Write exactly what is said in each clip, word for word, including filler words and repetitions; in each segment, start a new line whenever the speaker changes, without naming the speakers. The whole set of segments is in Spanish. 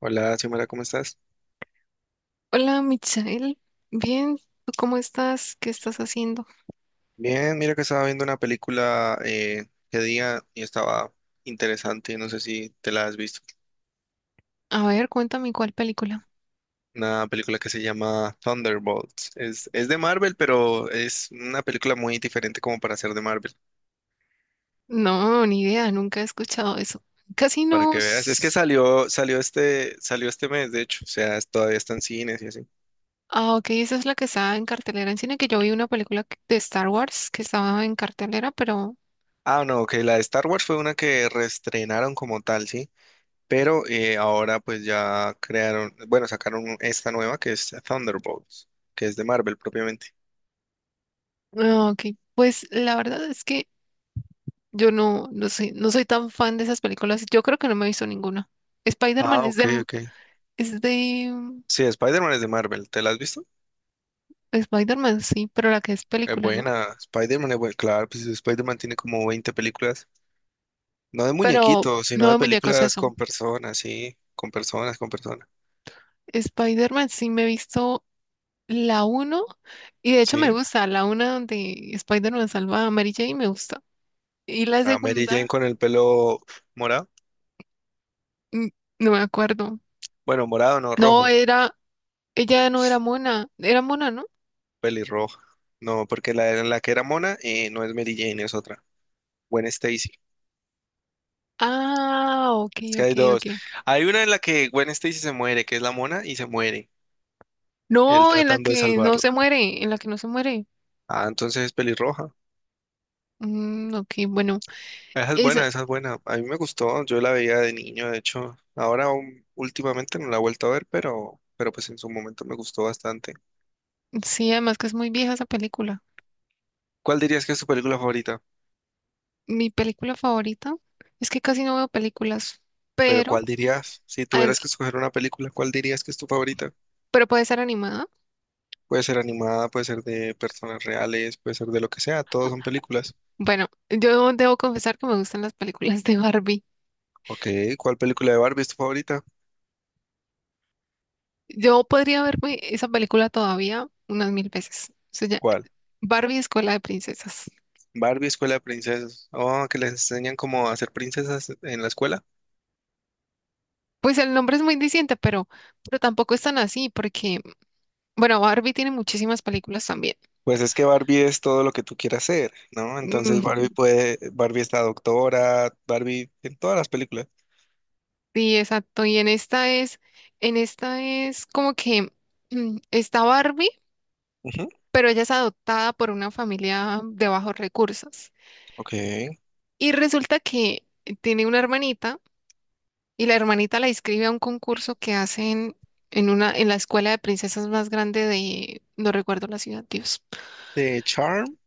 Hola, Xiomara, ¿cómo estás?
Hola, Mitzael. Bien, ¿tú cómo estás? ¿Qué estás haciendo?
Bien, mira que estaba viendo una película eh, que día y estaba interesante, no sé si te la has visto.
A ver, cuéntame cuál película.
Una película que se llama Thunderbolts. Es, es de Marvel, pero es una película muy diferente como para ser de Marvel,
No, ni idea, nunca he escuchado eso. Casi
para que veas. Es que
Casinos.
salió, salió este, salió este mes, de hecho, o sea, es- todavía está en cines y así.
Ah, ok, esa es la que estaba en cartelera en cine, que yo vi una película que- de Star Wars que estaba en cartelera, pero...
Ah, no, que la de Star Wars fue una que reestrenaron como tal, ¿sí? Pero eh, ahora pues ya crearon, bueno, sacaron esta nueva que es Thunderbolts, que es de Marvel propiamente.
Ah, ok, pues la verdad es que yo no, no sé, no soy tan fan de esas películas. Yo creo que no me he visto ninguna. Spider-Man
Ah,
es
ok,
de...
ok.
Es de... mm,
Sí, Spider-Man es de Marvel, ¿te la has visto?
Spider-Man, sí, pero la que es
Es
película, ¿no?
buena, Spider-Man es buena, claro, pues Spider-Man tiene como veinte películas, no de
Pero
muñequitos, sino
no
de
de muñecos
películas
eso.
con personas, sí, con personas, con personas,
Spider-Man sí me he visto la uno y de hecho me
sí.
gusta, la una donde Spider-Man salva a Mary Jane me gusta. Y la
A Mary Jane
segunda,
con el pelo morado,
mm, no me acuerdo.
bueno, morado no,
No,
rojo,
era, ella no era mona, era mona, ¿no?
pelirroja, no, porque la, la que era mona eh, no es Mary Jane, es otra, Gwen Stacy.
Ah, ok,
Es que
ok,
hay
ok.
dos. Hay una en la que Gwen Stacy se muere, que es la mona, y se muere, él
No, en la
tratando de
que no se
salvarla.
muere, en la que no se muere.
Ah, entonces es pelirroja.
Mm, ok, bueno,
Esa es
esa,
buena, esa es buena. A mí me gustó, yo la veía de niño, de hecho. Ahora um, últimamente no la he vuelto a ver, pero, pero pues en su momento me gustó bastante.
sí, además que es muy vieja esa película.
¿Cuál dirías que es tu película favorita?
Mi película favorita es que casi no veo películas,
Pero
pero,
¿cuál dirías? Si
ah,
tuvieras que escoger una película, ¿cuál dirías que es tu favorita?
pero puede ser animada.
Puede ser animada, puede ser de personas reales, puede ser de lo que sea, todos son películas.
Bueno, yo debo confesar que me gustan las películas de Barbie.
Ok, ¿cuál película de Barbie es tu favorita?
Yo podría verme esa película todavía unas mil veces. O sea, ya-
¿Cuál?
Barbie Escuela de Princesas.
Barbie Escuela de Princesas. Oh, que les enseñan cómo hacer princesas en la escuela.
Pues el nombre es muy diciente, pero, pero tampoco es tan así, porque, bueno, Barbie tiene muchísimas películas también.
Pues es que Barbie es todo lo que tú quieras ser, ¿no? Entonces Barbie
Mm,
puede, Barbie está doctora, Barbie en todas las películas.
sí, exacto. Y en esta es, en esta es como que mm, está Barbie,
Ujú,
pero ella es adoptada por una familia de bajos recursos.
ok.
Y resulta que tiene una hermanita. Y la hermanita la inscribe a un concurso que hacen en una, en la escuela de princesas más grande de, no recuerdo la ciudad, Dios.
De Charm,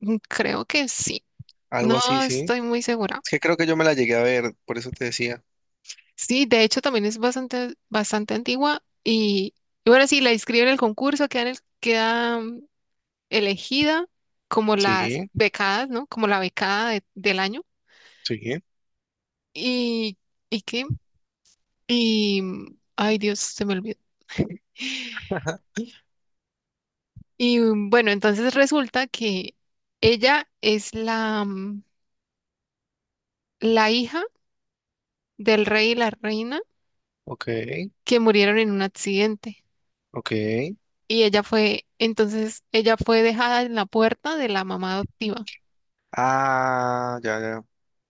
Mm, creo que sí.
algo
No
así, sí.
estoy muy segura.
Es que creo que yo me la llegué a ver, por eso te decía.
Sí, de hecho también es bastante, bastante antigua. Y, y bueno, sí, la inscribe en el concurso, queda, en el- queda mm, elegida como las
Sí,
becadas, ¿no? Como la becada de- del año.
sí.
Y, ¿y qué? Y, mm, ay Dios, se me olvidó.
Ajá.
Y mm, bueno, entonces resulta que ella es la, mm, la hija del rey y la reina
Ok,
que murieron en un accidente.
ok.
Y ella fue, entonces ella fue dejada en la puerta de la mamá adoptiva.
Ah, ya, ya.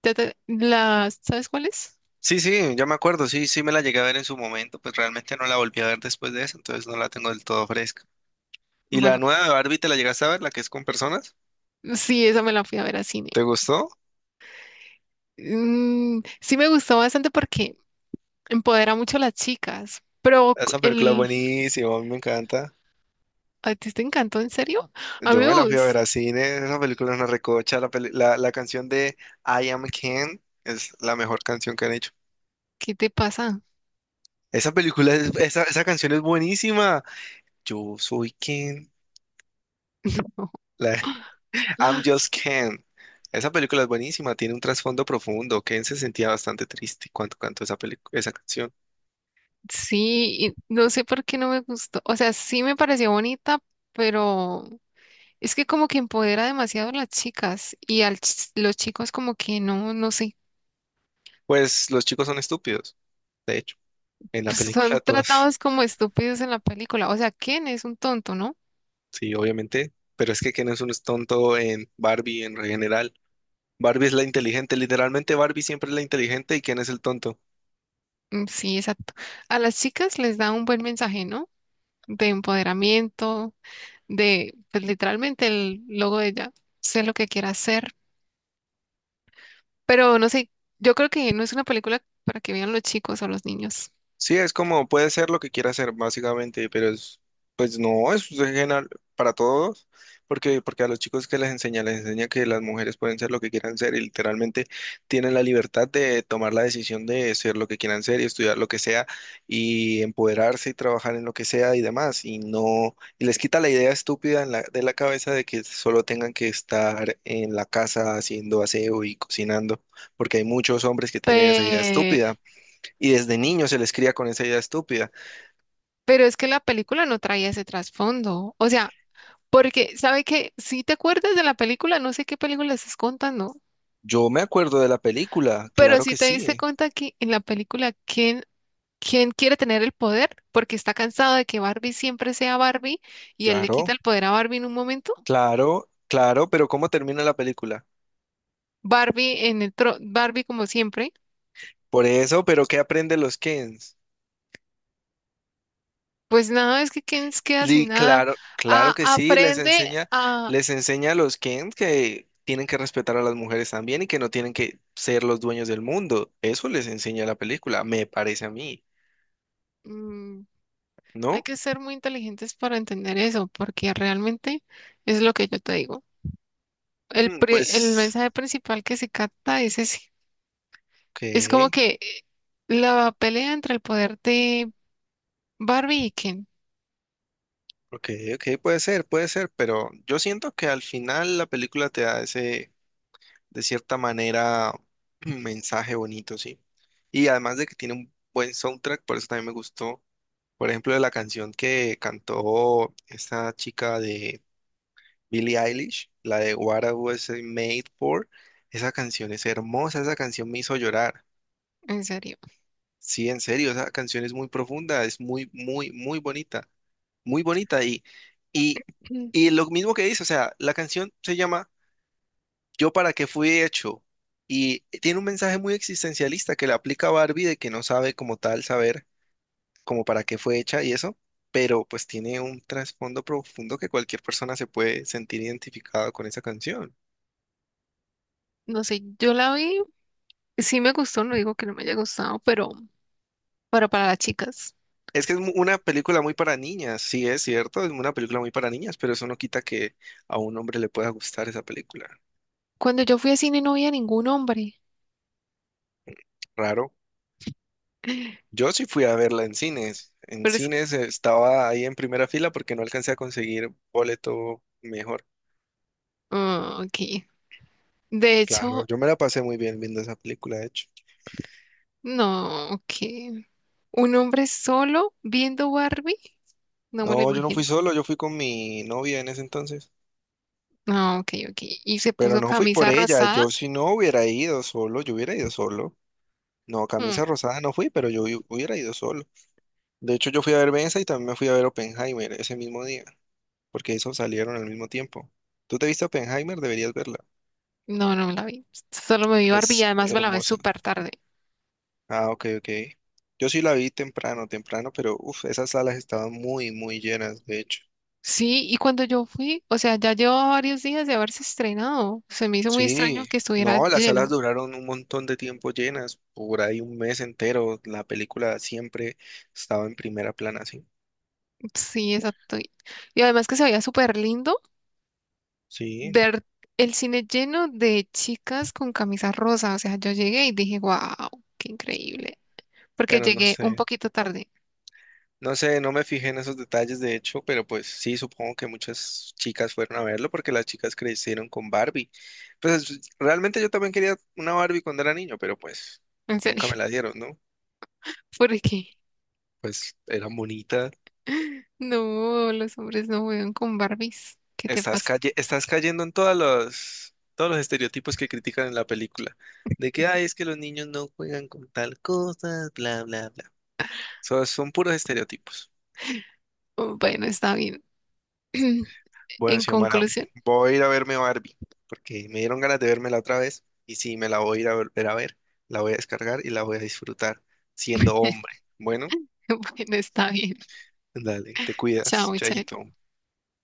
Ya te- la, ¿sabes cuál es?
Sí, sí, ya me acuerdo, sí, sí me la llegué a ver en su momento, pues realmente no la volví a ver después de eso, entonces no la tengo del todo fresca. ¿Y la
Bueno,
nueva de Barbie te la llegaste a ver, la que es con personas?
sí, esa me la fui a ver a cine.
¿Te gustó?
Mm, sí me gustó bastante porque empodera mucho a las chicas. Pero cu-
Esa película es
el,
buenísima, a mí me encanta.
¿a ti te encantó en serio?
Yo me la fui a ver
Amigos,
a cine, esa película es una recocha, la, peli- la, la canción de I Am Ken es la mejor canción que han hecho.
¿qué te pasa?
Esa película, es- esa, esa canción es buenísima. Yo soy Ken, la- I'm just Ken. Esa película es buenísima, tiene un trasfondo profundo. Ken se sentía bastante triste cuando cantó esa película, esa canción.
Sí, y no sé por qué no me gustó. O sea, sí me pareció bonita, pero es que como que empodera demasiado a las chicas y a los chicos como que no, no sé,
Pues los chicos son estúpidos, de hecho, en la
pues son
película todos.
tratados como estúpidos en la película. O sea, ¿quién es un tonto, no?
Sí, obviamente, pero es que Ken es un tonto en Barbie en general. Barbie es la inteligente, literalmente Barbie siempre es la inteligente y Ken es el tonto.
Mm, sí, exacto. A las chicas les da un buen mensaje, ¿no? De empoderamiento, de pues, literalmente el logo de ella, sé lo que quiera hacer, pero no sé, yo creo que no es una película para que vean los chicos o los niños.
Sí, es como puede ser lo que quiera hacer, básicamente, pero es, pues no, es general para todos, porque, porque a los chicos que les enseña, les enseña que las mujeres pueden ser lo que quieran ser y literalmente tienen la libertad de tomar la decisión de ser lo que quieran ser y estudiar lo que sea y empoderarse y trabajar en lo que sea y demás, y no, y les quita la idea estúpida en la- de la cabeza de que solo tengan que estar en la casa haciendo aseo y cocinando, porque hay muchos hombres que tienen esa idea estúpida. Y desde niño se les cría con esa idea estúpida.
Pero es que la película no traía ese trasfondo. O sea, porque, ¿sabe qué? Si te acuerdas de la película, no sé qué película estás contando,
Yo me acuerdo de la película,
pero
claro
si
que
te diste
sí,
cuenta que en la película, ¿quién, quién quiere tener el poder? Porque está cansado de que Barbie siempre sea Barbie y él le quita
claro,
el poder a Barbie en un momento.
claro, claro, pero ¿cómo termina la película?
Barbie en el tro- Barbie como siempre.
Por eso, pero ¿qué aprenden los Kens?
Pues nada, es que Ken se queda
Li,
sin nada.
claro,
A-
claro que sí, les
aprende
enseña,
a...
les enseña a los Kens que tienen que respetar a las mujeres también y que no tienen que ser los dueños del mundo. Eso les enseña la película, me parece a mí,
mm, hay
¿no?
que ser muy inteligentes para entender eso, porque realmente es lo que yo te digo. El,
Mm,
pri- el
pues,
mensaje principal que se capta es ese.
ok.
Es como que eh, la pelea entre el poder de Barbie y Ken,
Ok, ok, puede ser, puede ser, pero yo siento que al final la película te da ese, de cierta manera, mensaje bonito, sí. Y además de que tiene un buen soundtrack, por eso también me gustó, por ejemplo, de la canción que cantó esta chica de Billie Eilish, la de What I Was Made For, esa canción es hermosa, esa canción me hizo llorar.
en serio.
Sí, en serio, esa canción es muy profunda, es muy, muy, muy bonita, muy bonita. Y, y,
Mm,
y lo mismo que dice, o sea, la canción se llama Yo para qué fui hecho y tiene un mensaje muy existencialista que le aplica a Barbie de que no sabe como tal saber como para qué fue hecha y eso, pero pues tiene un trasfondo profundo que cualquier persona se puede sentir identificada con esa canción.
no sé, yo la vi, sí me gustó, no digo que no me haya gustado, pero, pero para las chicas.
Es que es mu- una película muy para niñas, sí es cierto, es una película muy para niñas, pero eso no quita que a un hombre le pueda gustar esa película.
Cuando yo fui a cine no había ningún hombre,
Raro. Yo sí fui a verla en cines. En
pero es...
cines estaba ahí en primera fila porque no alcancé a conseguir boleto mejor.
ah, ok. De
Claro,
hecho,
yo me la pasé muy bien viendo esa película, de hecho.
no, ok. Un hombre solo viendo Barbie, no me lo
No, yo no fui
imagino.
solo, yo fui con mi novia en ese entonces.
No, ok, ok. Y se
Pero
puso
no fui por
camisa
ella.
rosada.
Yo si no hubiera ido solo, yo hubiera ido solo. No,
Hmm.
camisa rosada no fui, pero yo hu- hubiera ido solo. De hecho, yo fui a ver Benza y también me fui a ver Oppenheimer ese mismo día, porque esos salieron al mismo tiempo. ¿Tú te viste Oppenheimer? Deberías verla.
No, no me la vi. Solo me vi Barbie y
Es
además me la vi
hermosa.
súper tarde.
Ah, ok, ok. Yo sí la vi temprano, temprano, pero uff, esas salas estaban muy, muy llenas, de hecho.
Sí, y cuando yo fui, o sea, ya llevaba varios días de haberse estrenado. Se me hizo muy extraño
Sí,
que estuviera
no, las salas
lleno.
duraron un montón de tiempo llenas, por ahí un mes entero. La película siempre estaba en primera plana, sí.
Sí, exacto. Y y además que se veía súper lindo
Sí,
ver el cine lleno de chicas con camisa rosa. O sea, yo llegué y dije, wow, qué increíble. Porque
pero no
llegué un
sé.
poquito tarde,
No sé, no me fijé en esos detalles, de hecho, pero pues sí, supongo que muchas chicas fueron a verlo porque las chicas crecieron con Barbie. Pues realmente yo también quería una Barbie cuando era niño, pero pues
en
nunca me
serio,
la dieron, ¿no?
porque
Pues era bonita.
no, los hombres no juegan con Barbies. ¿Qué te
Estás
pasa?
calle- estás cayendo en todos los, todos los estereotipos que critican en la película. De que, ay, es que los niños no juegan con tal cosa, bla, bla, bla. So- son puros estereotipos.
Bueno, está bien.
Bueno,
En
Xiomara,
conclusión.
voy a ir a verme Barbie, porque me dieron ganas de vermela otra vez. Y sí, me la voy a ir a volver a ver, la voy a descargar y la voy a disfrutar siendo hombre. Bueno,
Bueno, está bien.
dale, te
Chao,
cuidas,
Michael.
chaito.